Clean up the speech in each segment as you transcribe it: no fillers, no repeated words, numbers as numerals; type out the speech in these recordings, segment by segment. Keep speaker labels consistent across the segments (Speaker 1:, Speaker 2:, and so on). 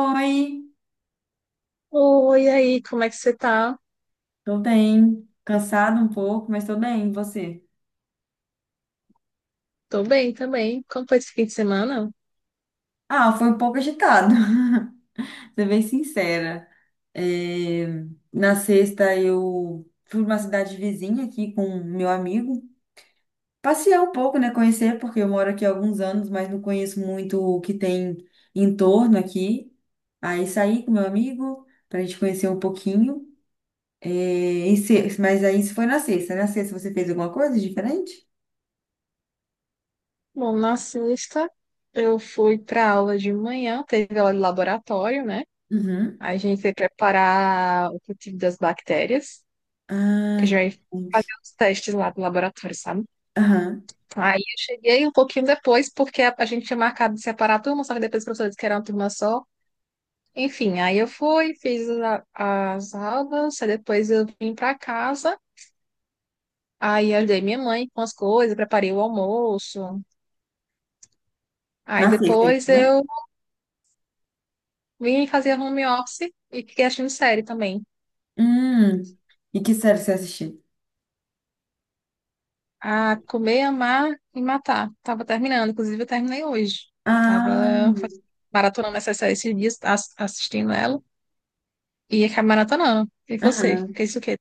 Speaker 1: Oi,
Speaker 2: Oi, e aí, como é que você tá?
Speaker 1: tô bem. Cansado um pouco, mas tô bem. E você?
Speaker 2: Tô bem também. Como foi esse fim de semana?
Speaker 1: Ah, foi um pouco agitado, ser bem sincera. É, na sexta eu fui pra uma cidade vizinha aqui com meu amigo. Passear um pouco, né? Conhecer, porque eu moro aqui há alguns anos, mas não conheço muito o que tem em torno aqui. Aí saí com meu amigo pra gente conhecer um pouquinho. É, mas aí isso foi na sexta, né? Na sexta você fez alguma coisa diferente?
Speaker 2: Bom, na sexta eu fui pra aula de manhã, teve aula de laboratório, né?
Speaker 1: Uhum.
Speaker 2: A gente foi preparar o cultivo das bactérias,
Speaker 1: Ah,
Speaker 2: que a gente vai
Speaker 1: entendi.
Speaker 2: fazer os testes lá do laboratório, sabe? Aí eu cheguei um pouquinho depois, porque a gente tinha marcado de separar a turma, só que depois os professores que era uma turma só. Enfim, aí eu fui, fiz as aulas, aí depois eu vim pra casa. Aí ajudei minha mãe com as coisas, preparei o almoço. Aí
Speaker 1: Na sexta, isso,
Speaker 2: depois
Speaker 1: né?
Speaker 2: eu vim fazer home office e fiquei assistindo série também.
Speaker 1: Hum. E que série você assistiu?
Speaker 2: A comer, amar e matar. Tava terminando, inclusive eu terminei hoje. Tava
Speaker 1: Ah,
Speaker 2: maratonando essa série esses dias, assistindo ela. E acabei maratonando. E você?
Speaker 1: aham.
Speaker 2: Fez o quê?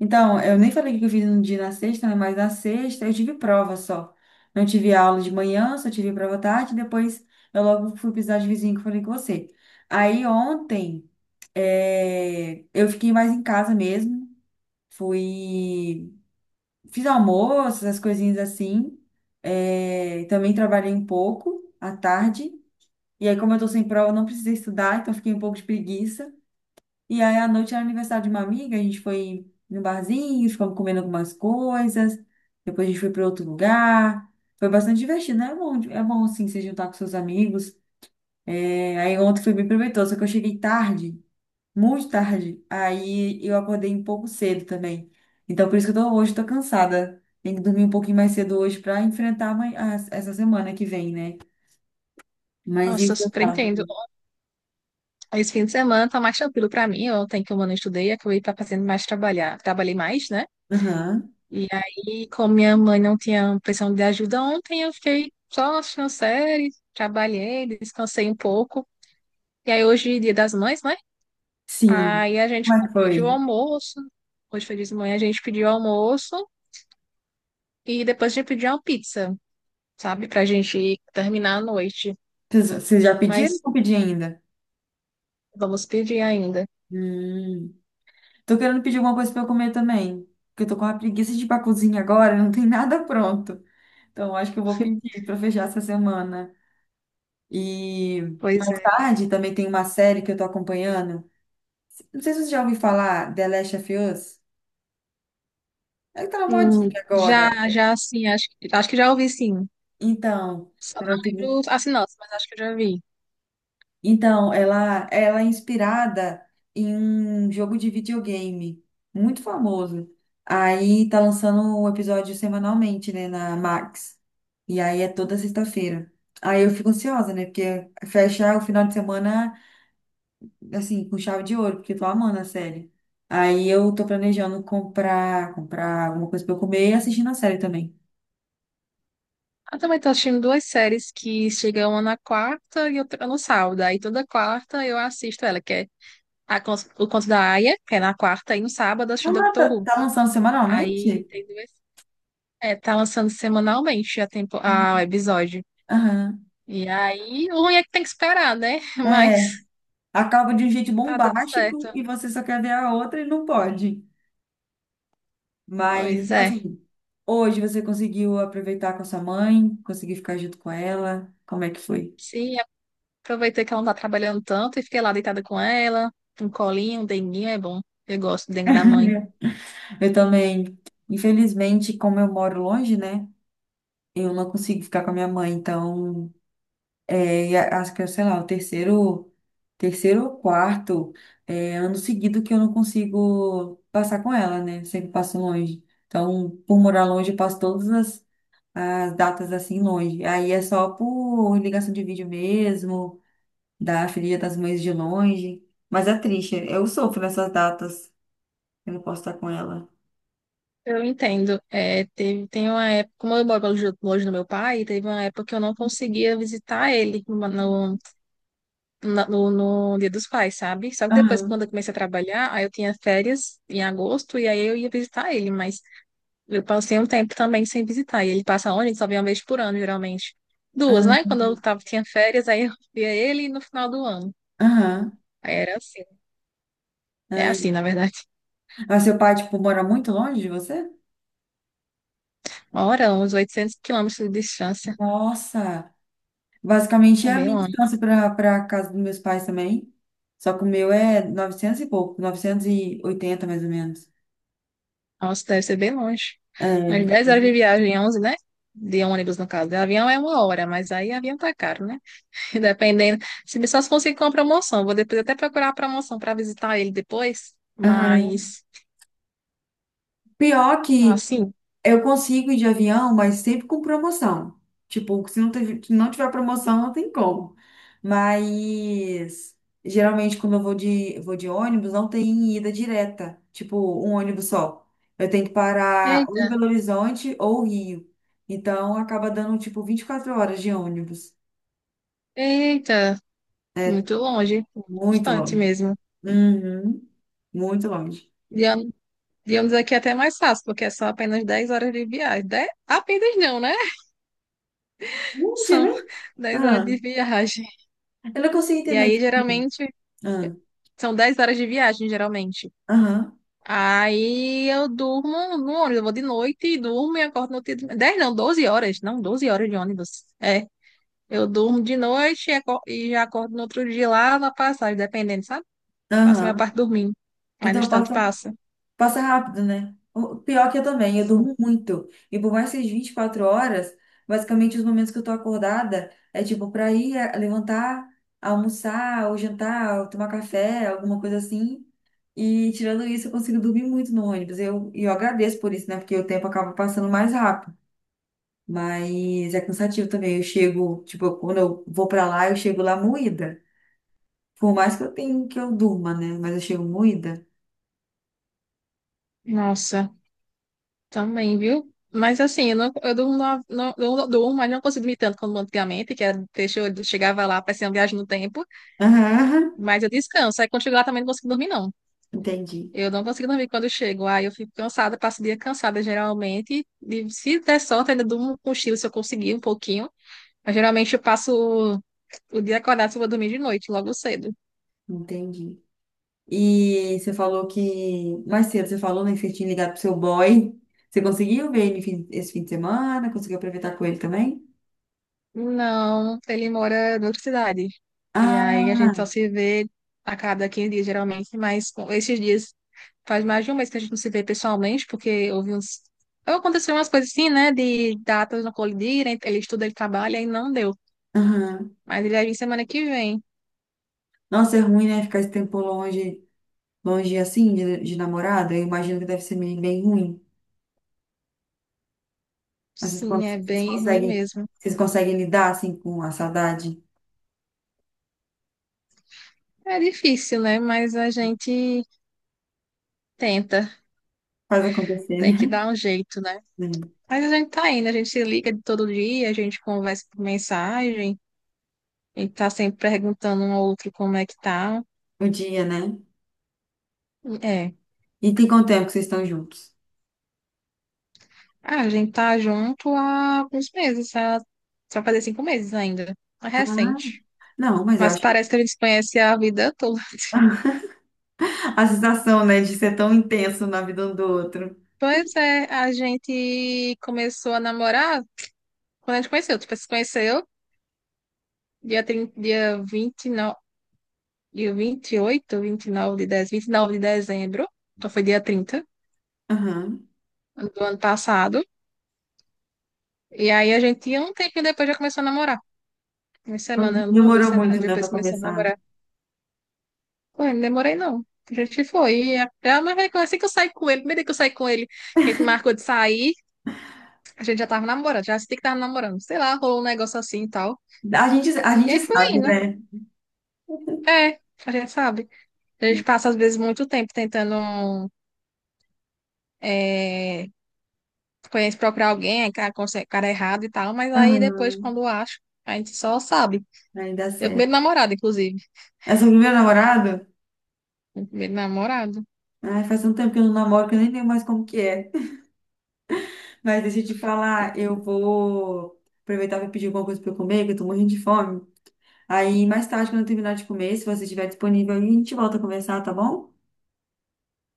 Speaker 1: Então, eu nem falei que eu fiz no dia na sexta, né? Mas na sexta eu tive prova só. Não tive aula de manhã, só tive prova à tarde. Depois eu logo fui pisar de vizinho que eu falei com você. Aí ontem eu fiquei mais em casa mesmo. Fui. Fiz almoço, essas coisinhas assim. Também trabalhei um pouco à tarde. E aí, como eu tô sem prova, eu não precisei estudar, então fiquei um pouco de preguiça. E aí, à noite era aniversário de uma amiga, a gente foi no barzinho, ficamos comendo algumas coisas, depois a gente foi para outro lugar. Foi bastante divertido, né? É bom assim, se juntar com seus amigos. É, aí ontem foi bem proveitoso, só que eu cheguei tarde, muito tarde. Aí eu acordei um pouco cedo também. Então, por isso que eu tô, hoje tô cansada. Tenho que dormir um pouquinho mais cedo hoje para enfrentar amanhã- as- essa semana que vem, né? Mas
Speaker 2: Nossa, eu
Speaker 1: isso é
Speaker 2: super entendo.
Speaker 1: sábado.
Speaker 2: Esse fim de semana tá mais tranquilo pra mim. Ontem que eu não estudei, acabei tá fazendo mais trabalhar. Trabalhei mais, né?
Speaker 1: Aham.
Speaker 2: E aí, como minha mãe não tinha pressão de ajuda ontem, eu fiquei só assistindo série, trabalhei, descansei um pouco. E aí, hoje, é Dia das Mães, né?
Speaker 1: Sim.
Speaker 2: Aí a gente
Speaker 1: Como é que
Speaker 2: pediu
Speaker 1: foi?
Speaker 2: almoço. Hoje foi dia de manhã, a gente pediu almoço e depois a gente pediu uma pizza, sabe? Pra gente terminar a noite.
Speaker 1: Vocês já pediram ou
Speaker 2: Mas
Speaker 1: não pedi ainda?
Speaker 2: vamos pedir ainda.
Speaker 1: Hum. Tô querendo pedir alguma coisa pra eu comer também. Porque eu tô com uma preguiça de ir pra cozinha agora, não tem nada pronto. Então, eu acho que eu vou pedir pra fechar essa semana. E
Speaker 2: Pois
Speaker 1: mais
Speaker 2: é.
Speaker 1: tarde também tem uma série que eu tô acompanhando. Não sei se você já ouviu falar, The Last of Us. Ela tá na modinha agora.
Speaker 2: Já, já, assim, acho, acho que já ouvi, sim.
Speaker 1: Então,
Speaker 2: Só
Speaker 1: tá
Speaker 2: não
Speaker 1: na segunda
Speaker 2: lembro as sinopse, mas acho que eu já vi.
Speaker 1: Então, ela é inspirada em um jogo de videogame muito famoso. Aí tá lançando o episódio semanalmente, né, na Max. E aí é toda sexta-feira. Aí eu fico ansiosa, né, porque fecha o final de semana, assim, com chave de ouro, porque eu tô amando a série. Aí eu tô planejando comprar, comprar alguma coisa pra eu comer e assistir na série também.
Speaker 2: Eu também tô assistindo duas séries que chegam uma na quarta e outra no sábado. Aí toda quarta eu assisto ela, que é O Conto da Aia, que é na quarta, e no sábado eu assisto
Speaker 1: Ah, tá,
Speaker 2: Doctor Who.
Speaker 1: tá lançando
Speaker 2: Aí
Speaker 1: semanalmente?
Speaker 2: tem duas. É, tá lançando semanalmente a tempo, o episódio.
Speaker 1: Aham.
Speaker 2: E aí, o ruim é que tem que esperar, né?
Speaker 1: É,
Speaker 2: Mas
Speaker 1: acaba de um jeito
Speaker 2: tá dando certo.
Speaker 1: bombástico e você só quer ver a outra e não pode. Mas,
Speaker 2: Pois
Speaker 1: tipo
Speaker 2: é.
Speaker 1: assim, hoje você conseguiu aproveitar com a sua mãe, conseguiu ficar junto com ela. Como é que foi?
Speaker 2: Sim, aproveitei que ela não tá trabalhando tanto e fiquei lá deitada com ela, um colinho, um denguinho, é bom. Eu gosto do dengue da mãe.
Speaker 1: Eu também, infelizmente, como eu moro longe, né? Eu não consigo ficar com a minha mãe, então é, e acho que, é, sei lá, o terceiro, ou quarto é, ano seguido que eu não consigo passar com ela, né? Sempre passo longe. Então, por morar longe, eu passo todas as datas assim longe. Aí é só por ligação de vídeo mesmo, da filha das mães de longe. Mas é triste, eu sofro nessas datas. Eu não posso estar com ela.
Speaker 2: Eu entendo. É, tem uma época, como eu moro longe longe do meu pai, teve uma época que eu não conseguia visitar ele no Dia dos Pais, sabe? Só que depois, quando
Speaker 1: Aham,
Speaker 2: eu comecei a trabalhar, aí eu tinha férias em agosto e aí eu ia visitar ele, mas eu passei um tempo também sem visitar. E ele passa onde? Ele só vem uma vez por ano, geralmente. Duas, né?
Speaker 1: aham,
Speaker 2: Quando eu tava, tinha férias, aí eu via ele no final do ano.
Speaker 1: aham.
Speaker 2: Aí era assim. É assim,
Speaker 1: Ai.
Speaker 2: na verdade.
Speaker 1: Mas seu pai, tipo, mora muito longe de você?
Speaker 2: Uma hora, uns 800 quilômetros de distância.
Speaker 1: Nossa! Basicamente
Speaker 2: É
Speaker 1: é a
Speaker 2: bem
Speaker 1: minha
Speaker 2: longe.
Speaker 1: distância para casa dos meus pais também. Só que o meu é 900 e pouco, 980 mais ou menos.
Speaker 2: Nossa, deve ser bem longe. Umas
Speaker 1: É.
Speaker 2: 10 horas de viagem, 11, né? De ônibus, no caso. De avião é uma hora, mas aí avião tá caro, né? Dependendo. Se só se conseguir com a promoção. Vou depois até procurar a promoção para visitar ele depois.
Speaker 1: Aham.
Speaker 2: Mas,
Speaker 1: Pior que
Speaker 2: assim,
Speaker 1: eu consigo ir de avião, mas sempre com promoção. Tipo, se não tiver promoção, não tem como. Mas geralmente quando eu vou de, ônibus, não tem ida direta, tipo um ônibus só. Eu tenho que parar ou em
Speaker 2: eita,
Speaker 1: Belo Horizonte ou Rio. Então acaba dando tipo 24 horas de ônibus.
Speaker 2: eita, muito longe,
Speaker 1: Muito
Speaker 2: distante
Speaker 1: longe.
Speaker 2: mesmo.
Speaker 1: Uhum. Muito longe.
Speaker 2: De ônibus de ônibus aqui é até mais fácil, porque é só apenas 10 horas de viagem. Apenas não, né?
Speaker 1: Longe,
Speaker 2: São
Speaker 1: né?
Speaker 2: 10 horas
Speaker 1: Ah,
Speaker 2: de viagem.
Speaker 1: eu não consigo
Speaker 2: E
Speaker 1: entender.
Speaker 2: aí,
Speaker 1: Tipo,
Speaker 2: geralmente,
Speaker 1: ah,
Speaker 2: são 10 horas de viagem, geralmente.
Speaker 1: aham,
Speaker 2: Aí eu durmo no ônibus, eu vou de noite e durmo e acordo no outro dia. Doze horas, não, 12 horas de ônibus. É, eu durmo de noite e e já acordo no outro dia lá na passagem, dependendo, sabe? Passo a minha
Speaker 1: aham.
Speaker 2: parte dormindo. Aí no
Speaker 1: Então,
Speaker 2: instante
Speaker 1: passa.
Speaker 2: passa.
Speaker 1: Passa rápido, né? O pior que eu também, eu
Speaker 2: Sim.
Speaker 1: durmo muito. E por mais que seja 24 horas, basicamente os momentos que eu tô acordada é tipo pra ir é, levantar, almoçar, ou jantar, ou tomar café, alguma coisa assim. E tirando isso, eu consigo dormir muito no ônibus. Eu, e eu agradeço por isso, né? Porque o tempo acaba passando mais rápido. Mas é cansativo também. Eu chego, tipo, quando eu vou pra lá, eu chego lá moída. Por mais que eu tenha que eu durma, né? Mas eu chego moída.
Speaker 2: Nossa, também, viu? Mas assim, eu, não, eu durmo, não, eu não durmo, mas não consigo dormir tanto como antigamente, que era, deixa eu chegava lá, parecia uma viagem no tempo.
Speaker 1: Aham,
Speaker 2: Mas eu descanso, aí quando chego lá também não consigo dormir, não.
Speaker 1: entendi.
Speaker 2: Eu não consigo dormir quando eu chego. Aí eu fico cansada, passo o dia cansada geralmente. E se der sorte, ainda durmo com cochilo se eu conseguir um pouquinho. Mas geralmente eu passo o, o dia acordado se eu vou dormir de noite, logo cedo.
Speaker 1: Entendi. E você falou que mais cedo você falou, né, que você tinha ligado pro seu boy. Você conseguiu ver ele esse fim de semana? Conseguiu aproveitar com ele também?
Speaker 2: Não, ele mora em outra cidade. E aí a gente
Speaker 1: Ah,
Speaker 2: só se vê a cada 15 dias, geralmente. Mas com esses dias faz mais de um mês que a gente não se vê pessoalmente, porque houve uns. Aconteceu umas coisas assim, né? De datas não colidirem, ele estuda, ele trabalha e não deu.
Speaker 1: aham.
Speaker 2: Mas ele vai vir semana que vem.
Speaker 1: Nossa, é ruim, né? Ficar esse tempo longe, longe assim, de namorada. Eu imagino que deve ser bem bem ruim. Mas vocês,
Speaker 2: Sim, é
Speaker 1: vocês
Speaker 2: bem ruim
Speaker 1: conseguem,
Speaker 2: mesmo.
Speaker 1: lidar assim com a saudade?
Speaker 2: É difícil, né? Mas a gente tenta,
Speaker 1: Faz acontecer,
Speaker 2: tem
Speaker 1: né?
Speaker 2: que dar um jeito, né?
Speaker 1: Hum,
Speaker 2: Mas a gente tá indo, a gente se liga de todo dia, a gente conversa por mensagem, a gente tá sempre perguntando um ao outro como é que tá.
Speaker 1: o dia, né?
Speaker 2: É.
Speaker 1: E tem quanto tempo que vocês estão juntos?
Speaker 2: Ah, a gente tá junto há alguns meses, só fazer 5 meses ainda. É
Speaker 1: Ah,
Speaker 2: recente.
Speaker 1: não, mas eu
Speaker 2: Mas
Speaker 1: acho
Speaker 2: parece que a gente se conhece a vida toda.
Speaker 1: a sensação, né, de ser tão intenso na vida um do outro.
Speaker 2: Pois é, a gente começou a namorar quando a gente conheceu. Tipo, se conheceu dia 30, dia 29, dia vinte e 29 de dezembro, 29 de dezembro, então foi dia 30
Speaker 1: Aham.
Speaker 2: do ano passado. E aí a gente, um tempinho depois, já começou a namorar. Uma
Speaker 1: Não
Speaker 2: semana, uma, duas
Speaker 1: demorou muito,
Speaker 2: semanas
Speaker 1: né,
Speaker 2: depois
Speaker 1: pra
Speaker 2: começou a
Speaker 1: começar.
Speaker 2: namorar. Pô, eu não demorei não. A gente foi. E até, ah, mas vai, assim que eu saí com ele, primeiro dia que eu saí com ele, que a gente marcou de sair, a gente já tava namorando, já senti que tava namorando. Sei lá, rolou um negócio assim e tal.
Speaker 1: A
Speaker 2: E
Speaker 1: gente
Speaker 2: aí foi
Speaker 1: sabe,
Speaker 2: indo.
Speaker 1: né?
Speaker 2: É, a gente sabe. A gente passa, às vezes, muito tempo tentando. É, conhece procurar alguém, aí cara, cara é errado e tal, mas aí
Speaker 1: Aham,
Speaker 2: depois, quando acho, a gente só sabe.
Speaker 1: aí dá
Speaker 2: Meu
Speaker 1: certo.
Speaker 2: primeiro namorado, inclusive.
Speaker 1: Mas sobre o meu namorado,
Speaker 2: Meu primeiro namorado.
Speaker 1: ai, faz tanto tempo que eu não namoro que eu nem lembro mais como que é. Mas deixa eu te falar, eu vou aproveitar para pedir alguma coisa para eu comer, que eu tô morrendo de fome. Aí mais tarde, quando eu terminar de comer, se você estiver disponível, a gente volta a conversar, tá bom?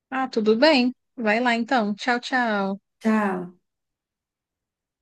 Speaker 2: Ah, tudo bem. Vai lá então. Tchau, tchau.
Speaker 1: Tchau.